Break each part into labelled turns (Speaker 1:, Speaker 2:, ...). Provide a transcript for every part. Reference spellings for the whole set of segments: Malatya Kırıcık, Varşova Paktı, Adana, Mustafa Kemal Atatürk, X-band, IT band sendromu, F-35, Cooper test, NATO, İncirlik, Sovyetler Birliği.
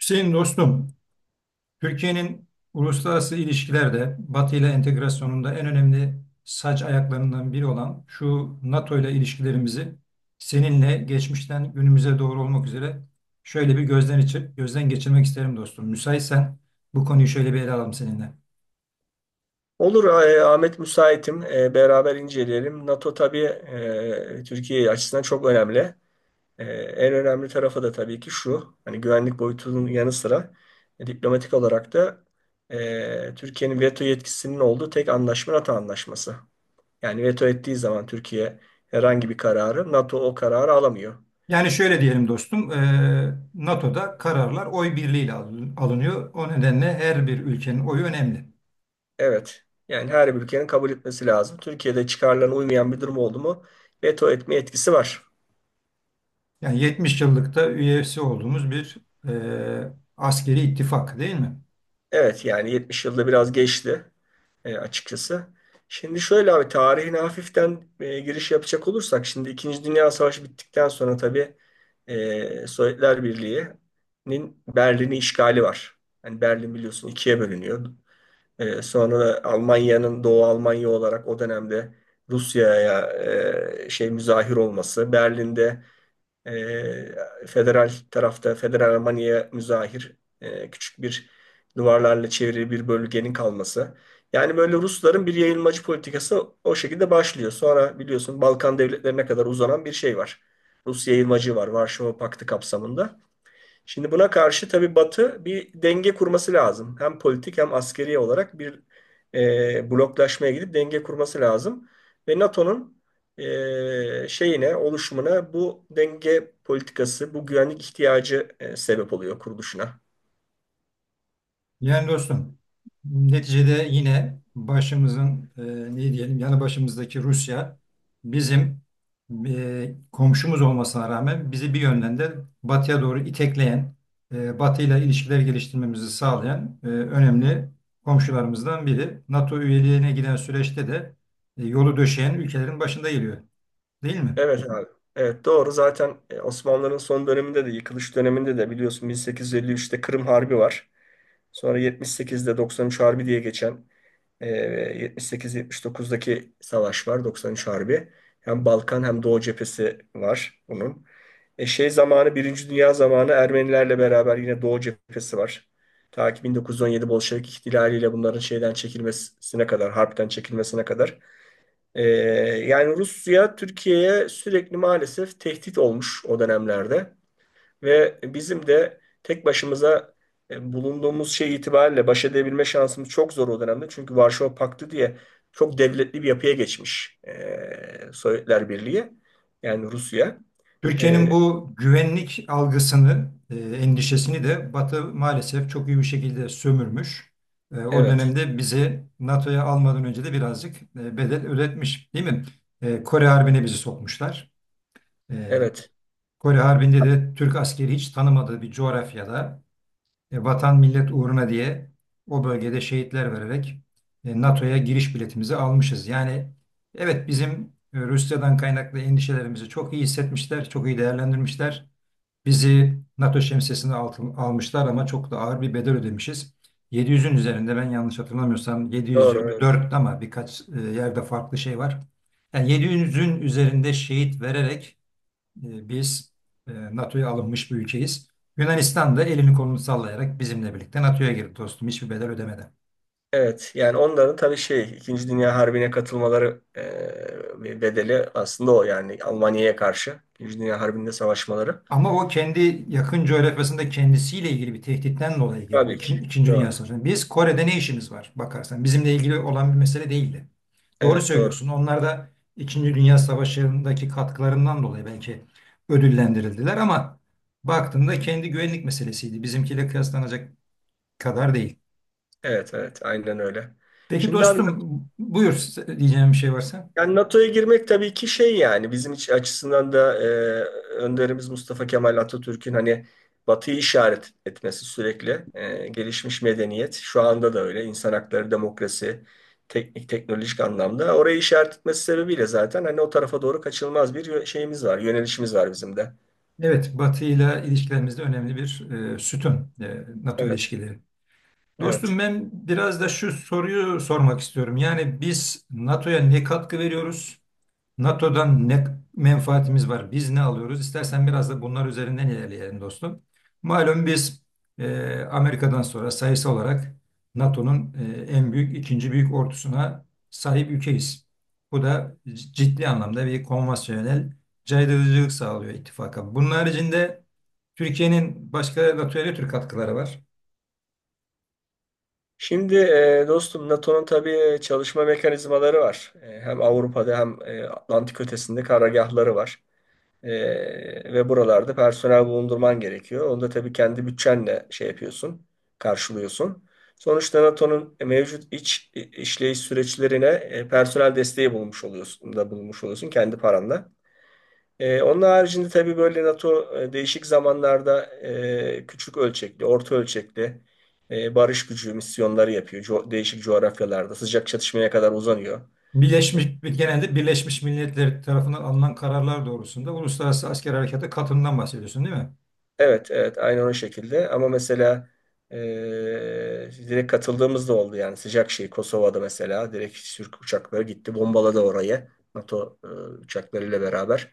Speaker 1: Hüseyin dostum, Türkiye'nin uluslararası ilişkilerde Batı ile entegrasyonunda en önemli saç ayaklarından biri olan şu NATO ile ilişkilerimizi seninle geçmişten günümüze doğru olmak üzere şöyle bir gözden geçirmek isterim dostum. Müsaitsen bu konuyu şöyle bir ele alalım seninle.
Speaker 2: Olur, Ahmet müsaitim. Beraber inceleyelim. NATO tabii Türkiye açısından çok önemli. En önemli tarafı da tabii ki şu. Hani güvenlik boyutunun yanı sıra diplomatik olarak da Türkiye'nin veto yetkisinin olduğu tek anlaşma NATO anlaşması. Yani veto ettiği zaman Türkiye herhangi bir kararı, NATO o kararı alamıyor.
Speaker 1: Yani şöyle diyelim dostum, NATO'da kararlar oy birliğiyle alınıyor. O nedenle her bir ülkenin oyu önemli.
Speaker 2: Evet. Yani her bir ülkenin kabul etmesi lazım. Türkiye'de çıkarlarına uymayan bir durum oldu mu, veto etme etkisi var.
Speaker 1: Yani 70 yıllıkta üyesi olduğumuz bir askeri ittifak değil mi?
Speaker 2: Evet, yani 70 yılda biraz geçti, açıkçası. Şimdi şöyle abi, tarihine hafiften giriş yapacak olursak, şimdi İkinci Dünya Savaşı bittikten sonra tabii Sovyetler Birliği'nin Berlin'i işgali var. Yani Berlin, biliyorsun, ikiye bölünüyor. Sonra da Almanya'nın Doğu Almanya olarak o dönemde Rusya'ya müzahir olması, Berlin'de federal tarafta, federal Almanya'ya müzahir küçük bir duvarlarla çevrili bir bölgenin kalması. Yani böyle Rusların bir yayılmacı politikası o şekilde başlıyor. Sonra biliyorsun, Balkan devletlerine kadar uzanan bir şey var. Rus yayılmacı var, Varşova Paktı kapsamında. Şimdi buna karşı tabii Batı bir denge kurması lazım. Hem politik hem askeri olarak bir bloklaşmaya gidip denge kurması lazım. Ve NATO'nun oluşumuna bu denge politikası, bu güvenlik ihtiyacı sebep oluyor kuruluşuna.
Speaker 1: Yani dostum neticede yine başımızın ne diyelim yanı başımızdaki Rusya bizim komşumuz olmasına rağmen bizi bir yönden de batıya doğru itekleyen, batıyla ilişkiler geliştirmemizi sağlayan önemli komşularımızdan biri. NATO üyeliğine giden süreçte de yolu döşeyen ülkelerin başında geliyor değil mi?
Speaker 2: Evet abi. Evet, doğru. Zaten Osmanlıların son döneminde de, yıkılış döneminde de biliyorsun, 1853'te Kırım Harbi var. Sonra 78'de 93 Harbi diye geçen e, 78-79'daki savaş var. 93 Harbi. Hem Balkan hem Doğu cephesi var bunun. E, şey zamanı Birinci Dünya zamanı Ermenilerle beraber yine Doğu cephesi var. Ta ki 1917 Bolşevik ihtilaliyle bunların şeyden çekilmesine kadar, harpten çekilmesine kadar. ee, Yani Rusya Türkiye'ye sürekli maalesef tehdit olmuş o dönemlerde ve bizim de tek başımıza bulunduğumuz şey itibariyle baş edebilme şansımız çok zor o dönemde. Çünkü Varşova Paktı diye çok devletli bir yapıya geçmiş Sovyetler Birliği, yani Rusya.
Speaker 1: Türkiye'nin
Speaker 2: E,
Speaker 1: bu güvenlik algısını, endişesini de Batı maalesef çok iyi bir şekilde sömürmüş. O
Speaker 2: evet,
Speaker 1: dönemde bizi NATO'ya almadan önce de birazcık bedel ödetmiş, değil mi? Kore Harbi'ne bizi sokmuşlar. E,
Speaker 2: evet.
Speaker 1: Kore Harbi'nde de Türk askeri hiç tanımadığı bir coğrafyada vatan millet uğruna diye o bölgede şehitler vererek NATO'ya giriş biletimizi almışız. Yani evet bizim Rusya'dan kaynaklı endişelerimizi çok iyi hissetmişler, çok iyi değerlendirmişler. Bizi NATO şemsiyesine almışlar ama çok da ağır bir bedel ödemişiz. 700'ün üzerinde ben yanlış hatırlamıyorsam
Speaker 2: Doğru, evet.
Speaker 1: 724 ama birkaç yerde farklı şey var. Yani 700'ün üzerinde şehit vererek biz NATO'ya alınmış bir ülkeyiz. Yunanistan da elini kolunu sallayarak bizimle birlikte NATO'ya girdi dostum hiçbir bedel ödemeden.
Speaker 2: Evet, yani onların tabii İkinci Dünya Harbi'ne katılmaları bir bedeli aslında o, yani Almanya'ya karşı İkinci Dünya Harbi'nde savaşmaları.
Speaker 1: Ama o kendi yakın coğrafyasında kendisiyle ilgili bir tehditten dolayı girdi.
Speaker 2: Tabii ki.
Speaker 1: İkinci Dünya
Speaker 2: Doğru.
Speaker 1: Savaşı'na. Biz Kore'de ne işimiz var bakarsan. Bizimle ilgili olan bir mesele değildi. Doğru
Speaker 2: Evet, doğru.
Speaker 1: söylüyorsun. Onlar da İkinci Dünya Savaşı'ndaki katkılarından dolayı belki ödüllendirildiler ama baktığında kendi güvenlik meselesiydi. Bizimkiyle kıyaslanacak kadar değil.
Speaker 2: Evet, evet, aynen öyle.
Speaker 1: Peki
Speaker 2: Şimdi abi,
Speaker 1: dostum buyur diyeceğim bir şey varsa.
Speaker 2: yani NATO'ya girmek tabii ki bizim iç açısından da önderimiz Mustafa Kemal Atatürk'ün hani Batı'yı işaret etmesi, sürekli gelişmiş medeniyet, şu anda da öyle, insan hakları, demokrasi, teknik teknolojik anlamda orayı işaret etmesi sebebiyle zaten hani o tarafa doğru kaçınılmaz bir yö- şeyimiz var yönelişimiz var bizim de.
Speaker 1: Evet, Batı ile ilişkilerimizde önemli bir sütun NATO
Speaker 2: Evet,
Speaker 1: ilişkileri. Dostum
Speaker 2: evet.
Speaker 1: ben biraz da şu soruyu sormak istiyorum. Yani biz NATO'ya ne katkı veriyoruz? NATO'dan ne menfaatimiz var? Biz ne alıyoruz? İstersen biraz da bunlar üzerinden ilerleyelim dostum. Malum biz Amerika'dan sonra sayısı olarak NATO'nun en büyük, ikinci büyük ordusuna sahip ülkeyiz. Bu da ciddi anlamda bir konvansiyonel caydırıcılık sağlıyor ittifaka. Bunun haricinde Türkiye'nin başka NATO'ya ne tür katkıları var?
Speaker 2: Şimdi dostum, NATO'nun tabii çalışma mekanizmaları var. Hem Avrupa'da hem Atlantik ötesinde karargahları var. E, Ve buralarda personel bulundurman gerekiyor. Onu da tabii kendi bütçenle karşılıyorsun. Sonuçta NATO'nun mevcut iç işleyiş süreçlerine personel desteği bulmuş oluyorsun, da bulmuş oluyorsun kendi paranla. Onun haricinde tabii böyle NATO değişik zamanlarda küçük ölçekli, orta ölçekli barış gücü misyonları yapıyor. Değişik coğrafyalarda sıcak çatışmaya kadar uzanıyor.
Speaker 1: Genelde Birleşmiş Milletler tarafından alınan kararlar doğrusunda uluslararası asker harekata katılımdan bahsediyorsun değil mi?
Speaker 2: Evet, evet, aynı onun şekilde. Ama mesela direkt katıldığımız da oldu, yani sıcak Kosova'da mesela direkt Türk uçakları gitti, bombaladı orayı, NATO uçaklarıyla beraber.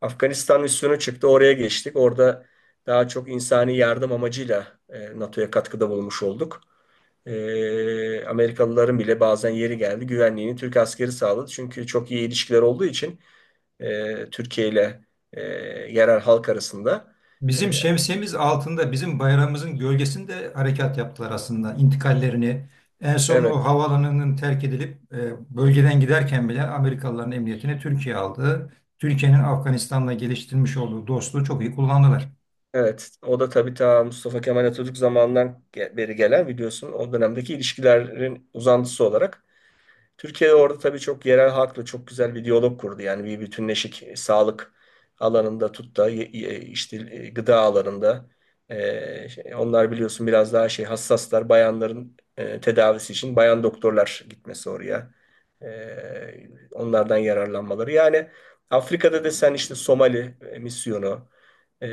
Speaker 2: Afganistan misyonu çıktı, oraya geçtik. Orada daha çok insani yardım amacıyla NATO'ya katkıda bulunmuş olduk. Amerikalıların bile bazen yeri geldi, güvenliğini Türk askeri sağladı. Çünkü çok iyi ilişkiler olduğu için Türkiye ile e, yerel halk arasında.
Speaker 1: Bizim şemsiyemiz altında bizim bayrağımızın gölgesinde harekat yaptılar aslında intikallerini. En son o
Speaker 2: Evet,
Speaker 1: havaalanının terk edilip bölgeden giderken bile Amerikalıların emniyetini Türkiye aldı. Türkiye'nin Afganistan'la geliştirmiş olduğu dostluğu çok iyi kullandılar.
Speaker 2: evet. O da tabii ta Mustafa Kemal Atatürk zamanından beri gelen, biliyorsun, o dönemdeki ilişkilerin uzantısı olarak Türkiye orada tabii çok yerel halkla çok güzel bir diyalog kurdu. Yani bir bütünleşik sağlık alanında tut da işte gıda alanında, onlar biliyorsun biraz daha hassaslar, bayanların tedavisi için bayan doktorlar gitmesi oraya. Onlardan yararlanmaları. Yani Afrika'da da sen işte Somali misyonu, e,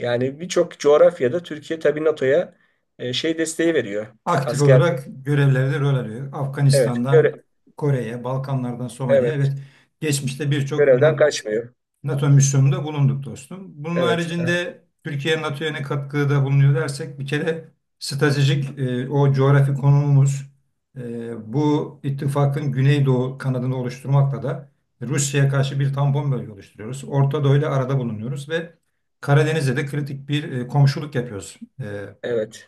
Speaker 2: yani birçok coğrafyada Türkiye tabii NATO'ya desteği veriyor.
Speaker 1: Aktif
Speaker 2: Asker,
Speaker 1: olarak görevlerde rol alıyor.
Speaker 2: evet, göre,
Speaker 1: Afganistan'dan Kore'ye, Balkanlardan Somali'ye
Speaker 2: evet.
Speaker 1: evet geçmişte birçok
Speaker 2: Görevden kaçmıyor.
Speaker 1: NATO misyonunda bulunduk dostum. Bunun
Speaker 2: Evet. Evet.
Speaker 1: haricinde Türkiye NATO'ya ne katkıda bulunuyor dersek bir kere stratejik o coğrafi konumumuz bu ittifakın Güneydoğu kanadını oluşturmakla da Rusya'ya karşı bir tampon bölge oluşturuyoruz. Orta Doğu ile arada bulunuyoruz ve Karadeniz'de de kritik bir komşuluk yapıyoruz. E,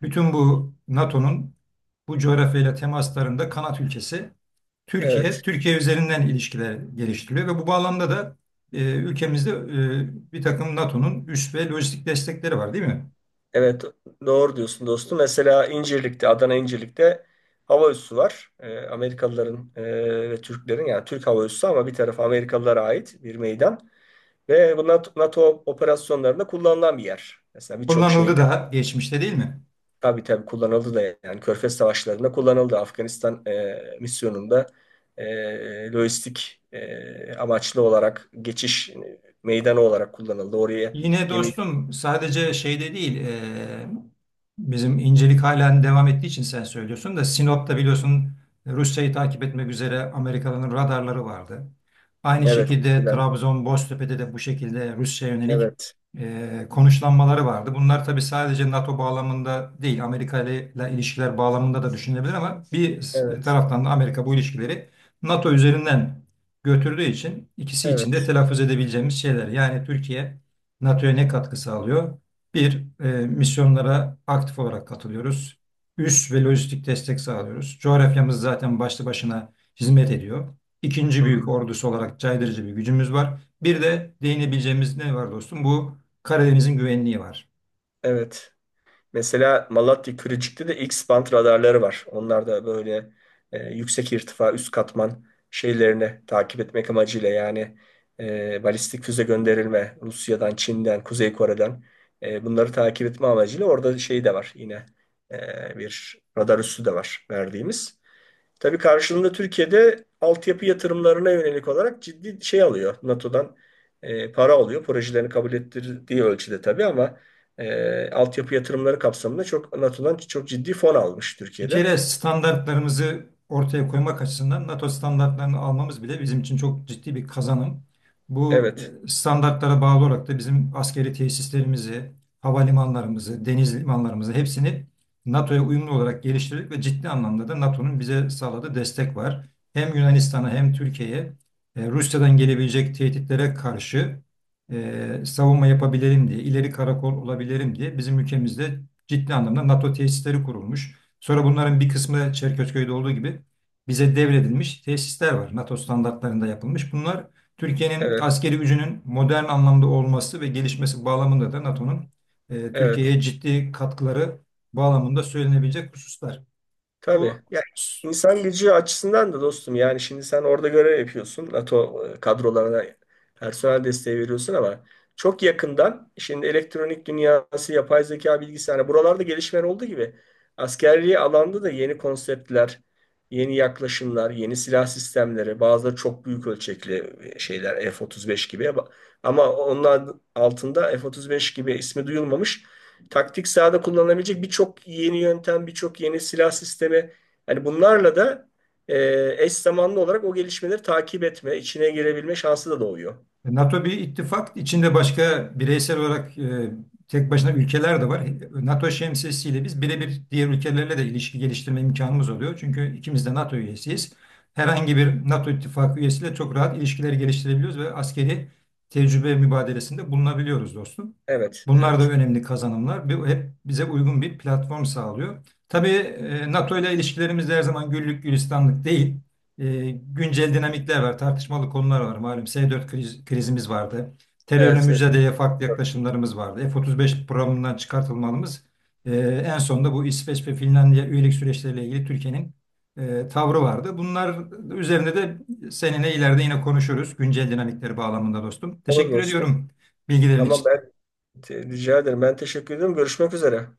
Speaker 1: bütün bu NATO'nun bu coğrafyayla temaslarında kanat ülkesi
Speaker 2: Evet.
Speaker 1: Türkiye, Türkiye üzerinden ilişkiler geliştiriliyor ve bu bağlamda da ülkemizde bir takım NATO'nun üs ve lojistik destekleri var değil mi?
Speaker 2: Evet. Doğru diyorsun dostum. Mesela İncirlik'te, Adana İncirlik'te hava üssü var. Amerikalıların ve Türklerin, yani Türk hava üssü ama bir tarafı Amerikalılara ait bir meydan. Ve bu NATO operasyonlarında kullanılan bir yer. Mesela birçok şeyde
Speaker 1: Kullanıldı da geçmişte değil mi?
Speaker 2: tabii tabii kullanıldı da, yani Körfez savaşlarında kullanıldı. Afganistan misyonunda lojistik amaçlı olarak geçiş meydanı olarak kullanıldı. Oraya
Speaker 1: Yine
Speaker 2: gemi.
Speaker 1: dostum sadece şeyde değil bizim incelik halen devam ettiği için sen söylüyorsun da Sinop'ta biliyorsun Rusya'yı takip etmek üzere Amerikalıların radarları vardı. Aynı
Speaker 2: Evet,
Speaker 1: şekilde
Speaker 2: eskiden.
Speaker 1: Trabzon, Boztepe'de de bu şekilde Rusya'ya yönelik
Speaker 2: Evet,
Speaker 1: konuşlanmaları vardı. Bunlar tabii sadece NATO bağlamında değil Amerika ile ilişkiler bağlamında da düşünülebilir ama bir
Speaker 2: evet,
Speaker 1: taraftan da Amerika bu ilişkileri NATO üzerinden götürdüğü için ikisi için de
Speaker 2: evet.
Speaker 1: telaffuz edebileceğimiz şeyler. Yani Türkiye NATO'ya ne katkı sağlıyor? Bir, misyonlara aktif olarak katılıyoruz. Üs ve lojistik destek sağlıyoruz. Coğrafyamız zaten başlı başına hizmet ediyor. İkinci
Speaker 2: Hı
Speaker 1: büyük
Speaker 2: hı.
Speaker 1: ordusu olarak caydırıcı bir gücümüz var. Bir de değinebileceğimiz ne var dostum? Bu Karadeniz'in güvenliği var.
Speaker 2: Evet. Mesela Malatya Kırıcık'ta da X-band radarları var. Onlar da böyle yüksek irtifa, üst katman şeylerini takip etmek amacıyla, yani balistik füze gönderilme Rusya'dan, Çin'den, Kuzey Kore'den bunları takip etme amacıyla orada şey de var, yine bir radar üssü de var verdiğimiz. Tabii karşılığında Türkiye'de altyapı yatırımlarına yönelik olarak ciddi şey alıyor. NATO'dan para alıyor. Projelerini kabul ettirdiği ölçüde tabii, ama altyapı yatırımları kapsamında çok NATO'dan çok ciddi fon almış
Speaker 1: Bir
Speaker 2: Türkiye'de.
Speaker 1: kere standartlarımızı ortaya koymak açısından NATO standartlarını almamız bile bizim için çok ciddi bir kazanım. Bu
Speaker 2: Evet,
Speaker 1: standartlara bağlı olarak da bizim askeri tesislerimizi, havalimanlarımızı, deniz limanlarımızı hepsini NATO'ya uyumlu olarak geliştirdik ve ciddi anlamda da NATO'nun bize sağladığı destek var. Hem Yunanistan'a hem Türkiye'ye Rusya'dan gelebilecek tehditlere karşı savunma yapabilirim diye, ileri karakol olabilirim diye bizim ülkemizde ciddi anlamda NATO tesisleri kurulmuş. Sonra bunların bir kısmı Çerkezköy'de olduğu gibi bize devredilmiş tesisler var. NATO standartlarında yapılmış. Bunlar Türkiye'nin
Speaker 2: evet,
Speaker 1: askeri gücünün modern anlamda olması ve gelişmesi bağlamında da NATO'nun
Speaker 2: evet.
Speaker 1: Türkiye'ye ciddi katkıları bağlamında söylenebilecek hususlar. Bu
Speaker 2: Tabii. Ya insan gücü açısından da dostum, yani şimdi sen orada görev yapıyorsun. NATO kadrolarına personel desteği veriyorsun, ama çok yakından şimdi elektronik dünyası, yapay zeka, bilgisayar, hani buralarda gelişmeler olduğu gibi askerliği alanda da yeni konseptler, yeni yaklaşımlar, yeni silah sistemleri, bazıları çok büyük ölçekli şeyler F-35 gibi, ama onlar altında F-35 gibi ismi duyulmamış taktik sahada kullanılabilecek birçok yeni yöntem, birçok yeni silah sistemi. Yani bunlarla da eş zamanlı olarak o gelişmeleri takip etme, içine girebilme şansı da doğuyor.
Speaker 1: NATO bir ittifak. İçinde başka bireysel olarak tek başına ülkeler de var. NATO şemsiyesiyle biz birebir diğer ülkelerle de ilişki geliştirme imkanımız oluyor. Çünkü ikimiz de NATO üyesiyiz. Herhangi bir NATO ittifakı üyesiyle çok rahat ilişkiler geliştirebiliyoruz ve askeri tecrübe mübadelesinde bulunabiliyoruz dostum.
Speaker 2: Evet,
Speaker 1: Bunlar da
Speaker 2: evet.
Speaker 1: önemli kazanımlar. Bu hep bize uygun bir platform sağlıyor. Tabii NATO ile ilişkilerimiz de her zaman güllük gülistanlık değil. Güncel dinamikler var, tartışmalı konular var. Malum S-4 krizimiz vardı. Terörle
Speaker 2: Evet. Evet.
Speaker 1: mücadeleye farklı yaklaşımlarımız vardı. F-35 programından çıkartılmamız e, en sonunda bu İsveç ve Finlandiya üyelik süreçleriyle ilgili Türkiye'nin tavrı vardı. Bunlar üzerinde de seninle ileride yine konuşuruz. Güncel dinamikleri bağlamında dostum.
Speaker 2: Olur
Speaker 1: Teşekkür
Speaker 2: dostum.
Speaker 1: ediyorum bilgilerin
Speaker 2: Tamam,
Speaker 1: için.
Speaker 2: ben rica ederim. Ben teşekkür ederim. Görüşmek üzere.